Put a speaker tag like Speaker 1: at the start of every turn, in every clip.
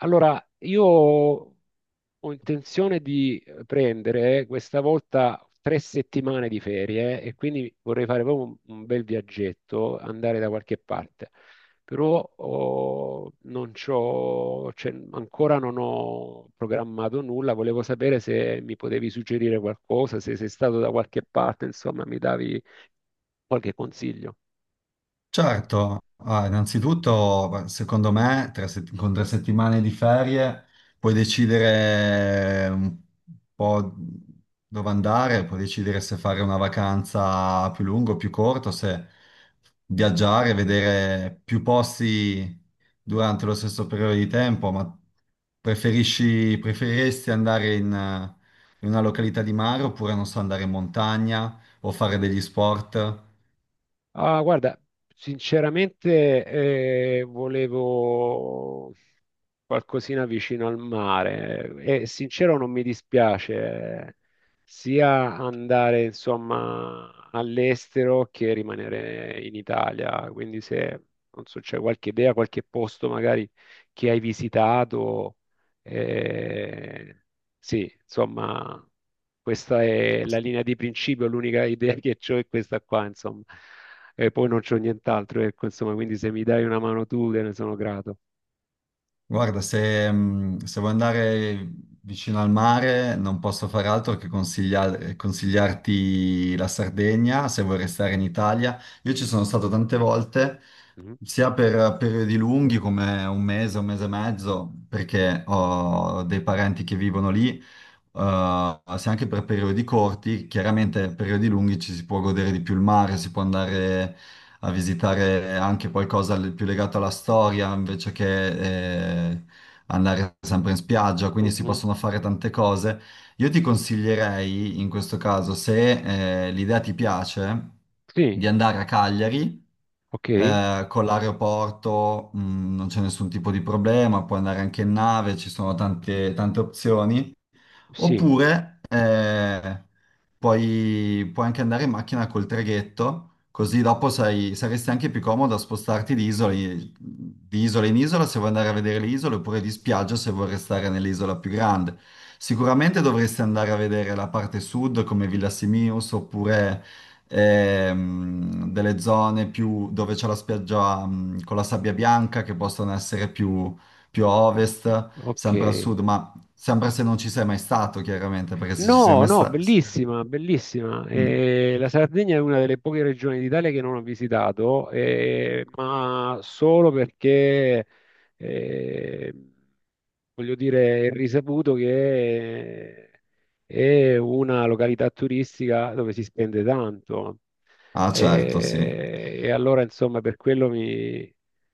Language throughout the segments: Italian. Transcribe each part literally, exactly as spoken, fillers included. Speaker 1: Allora, io ho intenzione di prendere questa volta tre settimane di ferie e quindi vorrei fare proprio un, un bel viaggetto, andare da qualche parte. Però oh, non c'ho, cioè, ancora non ho programmato nulla, volevo sapere se mi potevi suggerire qualcosa, se sei stato da qualche parte, insomma, mi davi qualche consiglio.
Speaker 2: Certo, ah, innanzitutto beh, secondo me tre sett- con tre settimane di ferie puoi decidere un po' dove andare, puoi decidere se fare una vacanza più lunga o più corta, o se viaggiare, vedere più posti durante lo stesso periodo di tempo, ma preferisci, preferiresti andare in, eh, in una località di mare oppure non so, andare in montagna o fare degli sport?
Speaker 1: Ah, guarda, sinceramente eh, volevo qualcosina vicino al mare e sincero non mi dispiace eh, sia andare insomma all'estero che rimanere in Italia, quindi se non so, c'è qualche idea, qualche posto magari che hai visitato, eh, sì, insomma questa è la linea di principio, l'unica idea che ho è questa qua, insomma. E poi non c'ho nient'altro, ecco, insomma, quindi se mi dai una mano tu, te ne sono grato.
Speaker 2: Guarda, se, mh, se vuoi andare vicino al mare, non posso fare altro che consiglia- consigliarti la Sardegna, se vuoi restare in Italia. Io ci sono stato tante volte
Speaker 1: Mhm.
Speaker 2: sia per periodi lunghi come un mese, un mese e mezzo, perché ho dei parenti che vivono lì, eh, sia anche per periodi corti. Chiaramente periodi lunghi ci si può godere di più il mare, si può andare a visitare anche qualcosa l- più legato alla storia invece che eh, andare sempre in spiaggia, quindi si
Speaker 1: Mhm.
Speaker 2: possono fare tante cose. Io ti consiglierei in questo caso, se eh, l'idea ti piace,
Speaker 1: Sì,
Speaker 2: di andare a Cagliari.
Speaker 1: ok,
Speaker 2: Eh, con l'aeroporto mh, non c'è nessun tipo di problema, puoi andare anche in nave, ci sono tante, tante opzioni.
Speaker 1: sì,
Speaker 2: Oppure eh, puoi, puoi anche andare in macchina col traghetto, così dopo sai- saresti anche più comodo a spostarti di isola, in- di isola in isola se vuoi andare a vedere le isole, oppure di spiaggia se vuoi restare nell'isola più grande. Sicuramente dovresti andare a vedere la parte sud come Villa Simius, oppure ehm, delle zone più dove c'è la spiaggia mh, con la sabbia bianca, che possono essere più, più a ovest,
Speaker 1: ok.
Speaker 2: sempre al sud, ma sempre se non ci sei mai stato, chiaramente, perché se ci sei
Speaker 1: No,
Speaker 2: mai
Speaker 1: no,
Speaker 2: stato...
Speaker 1: bellissima, bellissima. Eh, la Sardegna è una delle poche regioni d'Italia che non ho visitato, eh, ma solo perché, eh, voglio dire, è risaputo che è una località turistica dove si spende tanto.
Speaker 2: Ah, certo, sì.
Speaker 1: Eh, e allora, insomma, per quello mi,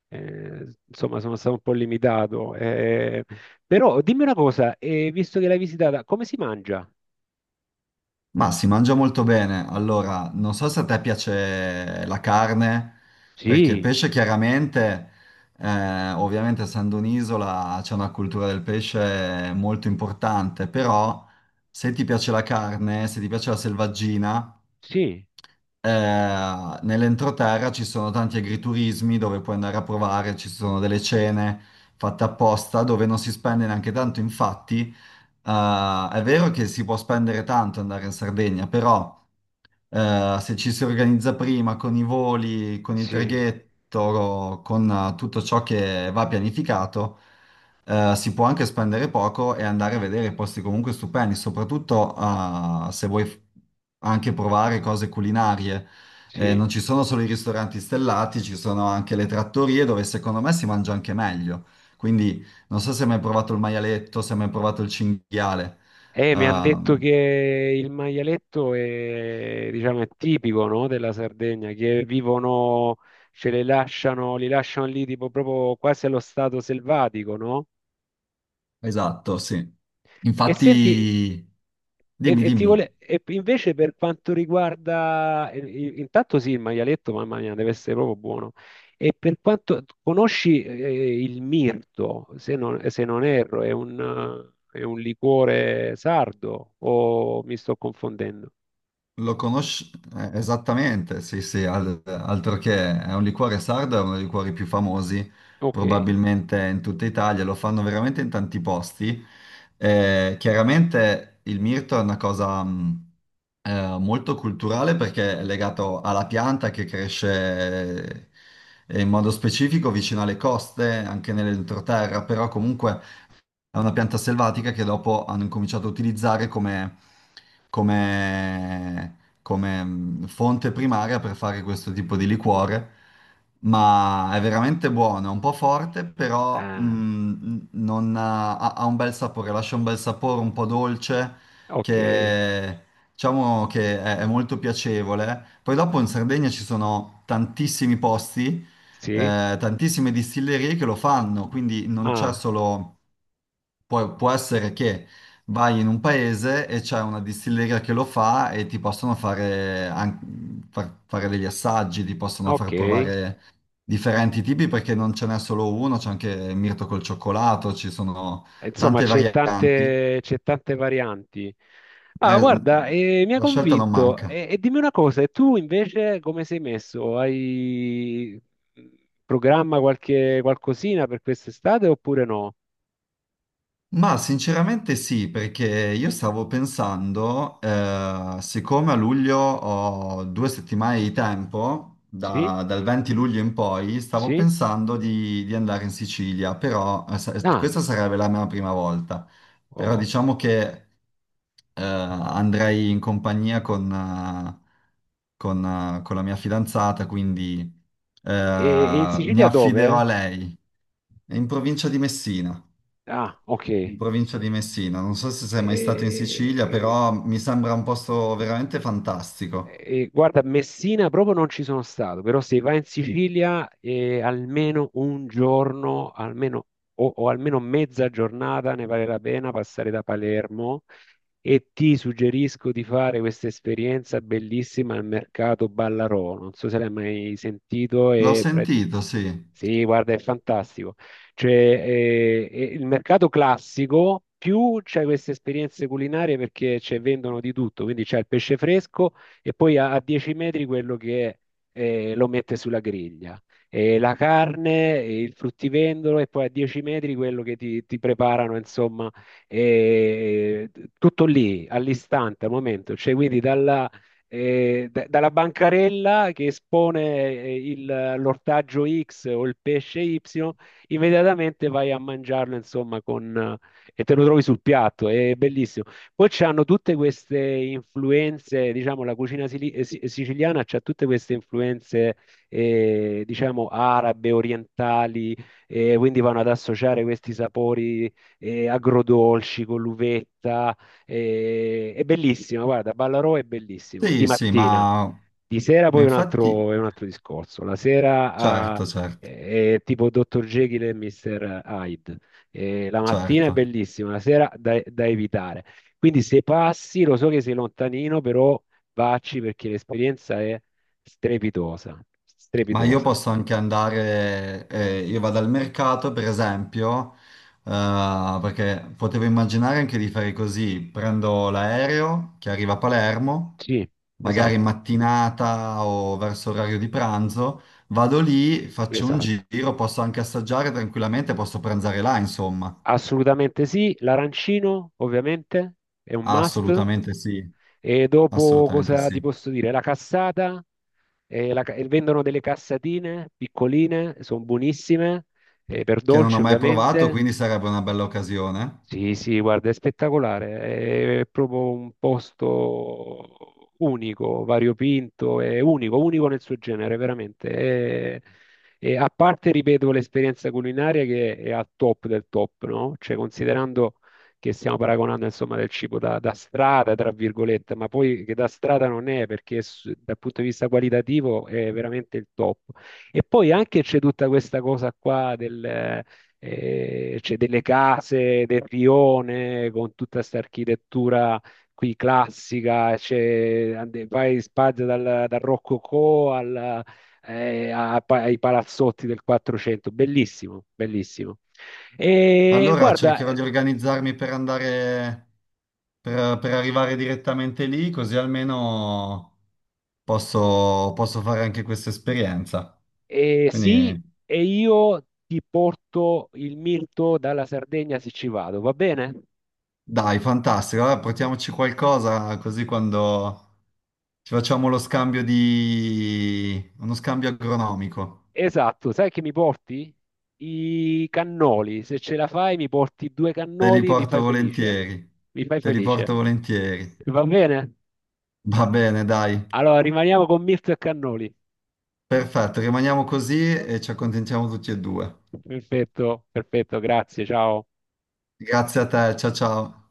Speaker 1: eh, insomma, sono stato un po' limitato. Eh, però dimmi una cosa, eh, visto che l'hai visitata, come si mangia?
Speaker 2: Ma si mangia molto bene. Allora, non so se a te piace la carne, perché il
Speaker 1: Sì,
Speaker 2: pesce chiaramente, eh, ovviamente essendo un'isola c'è una cultura del pesce molto importante. Però se ti piace la carne, se ti piace la selvaggina,
Speaker 1: sì,
Speaker 2: eh, nell'entroterra ci sono tanti agriturismi dove puoi andare a provare, ci sono delle cene fatte apposta dove non si spende neanche tanto, infatti. Uh, è vero che si può spendere tanto andare in Sardegna, però eh, se ci si organizza prima con i voli, con il
Speaker 1: sì,
Speaker 2: traghetto, con eh, tutto ciò che va pianificato, eh, si può anche spendere poco e andare a vedere posti comunque stupendi, soprattutto eh, se vuoi f- anche provare cose culinarie. Eh,
Speaker 1: sì.
Speaker 2: non ci sono solo i ristoranti stellati, ci sono anche le trattorie dove secondo me si mangia anche meglio. Quindi non so se hai mai provato il maialetto, se hai mai provato il cinghiale.
Speaker 1: Eh, mi hanno detto che
Speaker 2: Ehm,
Speaker 1: il maialetto è, diciamo, è tipico, no, della Sardegna, che vivono, ce le lasciano, li lasciano lì tipo proprio quasi allo stato selvatico, no?
Speaker 2: Esatto, sì.
Speaker 1: E senti,
Speaker 2: Infatti,
Speaker 1: E,
Speaker 2: dimmi,
Speaker 1: e ti
Speaker 2: dimmi,
Speaker 1: vole- e invece per quanto riguarda, il- il- intanto sì, il maialetto, mamma mia, deve essere proprio buono. E per quanto conosci eh, il mirto, se non, se non erro, è un, eh, è un liquore sardo o mi sto confondendo?
Speaker 2: lo conosci eh, esattamente? Sì, sì, al- altro che, è un liquore sardo, è uno dei liquori più famosi
Speaker 1: Ok,
Speaker 2: probabilmente in tutta Italia, lo fanno veramente in tanti posti. Eh, chiaramente il mirto è una cosa mh, eh, molto culturale, perché è legato alla pianta che cresce eh, in modo specifico vicino alle coste, anche nell'entroterra, però comunque... È una pianta selvatica che dopo hanno incominciato a utilizzare come, come- come, mh, fonte primaria per fare questo tipo di liquore. Ma è veramente buono, è un po' forte, però
Speaker 1: ah,
Speaker 2: mh, non ha, ha- ha un bel sapore, lascia un bel sapore un po' dolce,
Speaker 1: ok,
Speaker 2: che diciamo che è, è molto piacevole. Poi dopo in Sardegna ci sono tantissimi posti,
Speaker 1: sì,
Speaker 2: eh, tantissime distillerie che lo fanno, quindi non c'è
Speaker 1: ah,
Speaker 2: solo... Poi può essere che vai in un paese e c'è una distilleria che lo fa e ti possono fare, an- far- fare degli assaggi, ti possono
Speaker 1: ok.
Speaker 2: far provare differenti tipi, perché non ce n'è solo uno, c'è anche il mirto col cioccolato, ci sono
Speaker 1: Insomma,
Speaker 2: tante
Speaker 1: c'è
Speaker 2: varianti.
Speaker 1: tante, c'è tante varianti. Ah,
Speaker 2: Eh,
Speaker 1: guarda, eh, mi ha
Speaker 2: la scelta non
Speaker 1: convinto.
Speaker 2: manca.
Speaker 1: E, e dimmi una cosa, e tu invece come sei messo? Hai mm, programma qualche qualcosina per quest'estate oppure no?
Speaker 2: Ma sinceramente sì, perché io stavo pensando, eh, siccome a luglio ho due settimane di tempo,
Speaker 1: Sì?
Speaker 2: da- dal venti luglio in poi, stavo
Speaker 1: Sì?
Speaker 2: pensando di, di andare in Sicilia, però eh, sa-
Speaker 1: Ah,
Speaker 2: questa sarebbe la mia prima volta. Però
Speaker 1: oh.
Speaker 2: diciamo che eh, andrei in compagnia con, eh, con, eh, con la mia fidanzata, quindi
Speaker 1: E, e in
Speaker 2: eh, mi
Speaker 1: Sicilia
Speaker 2: affiderò
Speaker 1: dove?
Speaker 2: a lei. È in provincia di Messina
Speaker 1: Ah, ok.
Speaker 2: in provincia di Messina. Non so se sei mai stato in Sicilia,
Speaker 1: E-
Speaker 2: però mi sembra un posto veramente fantastico.
Speaker 1: Eh, guarda, a Messina proprio non ci sono stato, però se vai in Sicilia eh, almeno un giorno, almeno, o, o almeno mezza giornata ne vale la pena passare da Palermo e ti suggerisco di fare questa esperienza bellissima al mercato Ballarò. Non so se l'hai mai sentito.
Speaker 2: L'ho
Speaker 1: E... pre-
Speaker 2: sentito, sì.
Speaker 1: Sì, guarda, è fantastico. Cioè, eh, eh, il mercato classico, più c'è queste esperienze culinarie, perché c'è- vendono di tutto, quindi c'è il pesce fresco e poi a, a dieci metri quello che eh, lo mette sulla griglia, e la carne, e il fruttivendolo e poi a dieci metri quello che ti, ti preparano, insomma, e- tutto lì, all'istante, al momento, cioè quindi dalla, eh, da- dalla bancarella che espone eh, il- l'ortaggio ics o il pesce ipsilon, immediatamente vai a mangiarlo, insomma, con, eh, e te lo trovi sul piatto, è bellissimo. Poi c'hanno tutte queste influenze, diciamo, la cucina sili- eh, si- siciliana c'ha tutte queste influenze, eh, diciamo, arabe, orientali, eh, quindi vanno ad associare questi sapori, eh, agrodolci con l'uvetta. eh, è bellissimo, guarda, Ballarò è bellissimo, di
Speaker 2: Sì, sì,
Speaker 1: mattina.
Speaker 2: ma,
Speaker 1: Di sera
Speaker 2: ma
Speaker 1: poi è un
Speaker 2: infatti,
Speaker 1: altro, è un altro discorso. La sera ah,
Speaker 2: certo, certo,
Speaker 1: è, è tipo dottor Jekyll e mister Hyde. Eh, la mattina è
Speaker 2: certo.
Speaker 1: bellissima, la sera da, da evitare. Quindi se passi, lo so che sei lontanino, però vacci perché l'esperienza è strepitosa,
Speaker 2: Ma io
Speaker 1: strepitosa.
Speaker 2: posso anche andare, eh, io vado al mercato per esempio, eh, perché potevo immaginare anche di fare così: prendo l'aereo che arriva a Palermo,
Speaker 1: Sì,
Speaker 2: magari in
Speaker 1: esatto,
Speaker 2: mattinata o verso orario di pranzo, vado lì, faccio un
Speaker 1: esatto.
Speaker 2: giro, posso anche assaggiare tranquillamente, posso pranzare là, insomma.
Speaker 1: Assolutamente sì. L'arancino, ovviamente, è un must.
Speaker 2: Assolutamente sì,
Speaker 1: E dopo
Speaker 2: assolutamente
Speaker 1: cosa ti
Speaker 2: sì.
Speaker 1: posso dire? La cassata, eh, la ca- e vendono delle cassatine piccoline, sono buonissime, eh, per
Speaker 2: Che non ho
Speaker 1: dolce
Speaker 2: mai provato,
Speaker 1: ovviamente.
Speaker 2: quindi sarebbe una bella occasione.
Speaker 1: Sì, sì, guarda, è spettacolare, è proprio un posto unico, variopinto, è unico, unico nel suo genere, veramente. È- e a parte, ripeto, l'esperienza culinaria che è al top del top, no? Cioè, considerando che stiamo paragonando, insomma, del cibo da, da strada, tra virgolette, ma poi che da strada non è, perché s- dal punto di vista qualitativo è veramente il top. E poi anche c'è tutta questa cosa qua, eh, c'è delle case del rione con tutta questa architettura qui classica, c'è, ande- vai in Spagna dal, dal Rococò al- eh, a- pa- ai palazzotti del quattrocento, bellissimo, bellissimo. E
Speaker 2: Allora
Speaker 1: guarda,
Speaker 2: cercherò
Speaker 1: eh,
Speaker 2: di organizzarmi per andare per, per arrivare direttamente lì, così almeno posso, posso fare anche questa esperienza.
Speaker 1: eh, sì,
Speaker 2: Quindi
Speaker 1: e io ti porto il mirto dalla Sardegna se ci vado, va bene?
Speaker 2: dai, fantastico. Allora, portiamoci qualcosa così quando ci facciamo lo scambio di... uno scambio agronomico.
Speaker 1: Esatto, sai che mi porti? I cannoli, se ce la fai mi porti due
Speaker 2: Te li
Speaker 1: cannoli, mi
Speaker 2: porto
Speaker 1: fai felice.
Speaker 2: volentieri.
Speaker 1: Mi fai
Speaker 2: Te li
Speaker 1: felice.
Speaker 2: porto volentieri.
Speaker 1: Va bene?
Speaker 2: Va bene, dai.
Speaker 1: Allora rimaniamo con Mirto e cannoli.
Speaker 2: Perfetto, rimaniamo così e ci accontentiamo tutti e due.
Speaker 1: Perfetto, perfetto, grazie, ciao.
Speaker 2: Grazie a te, ciao ciao.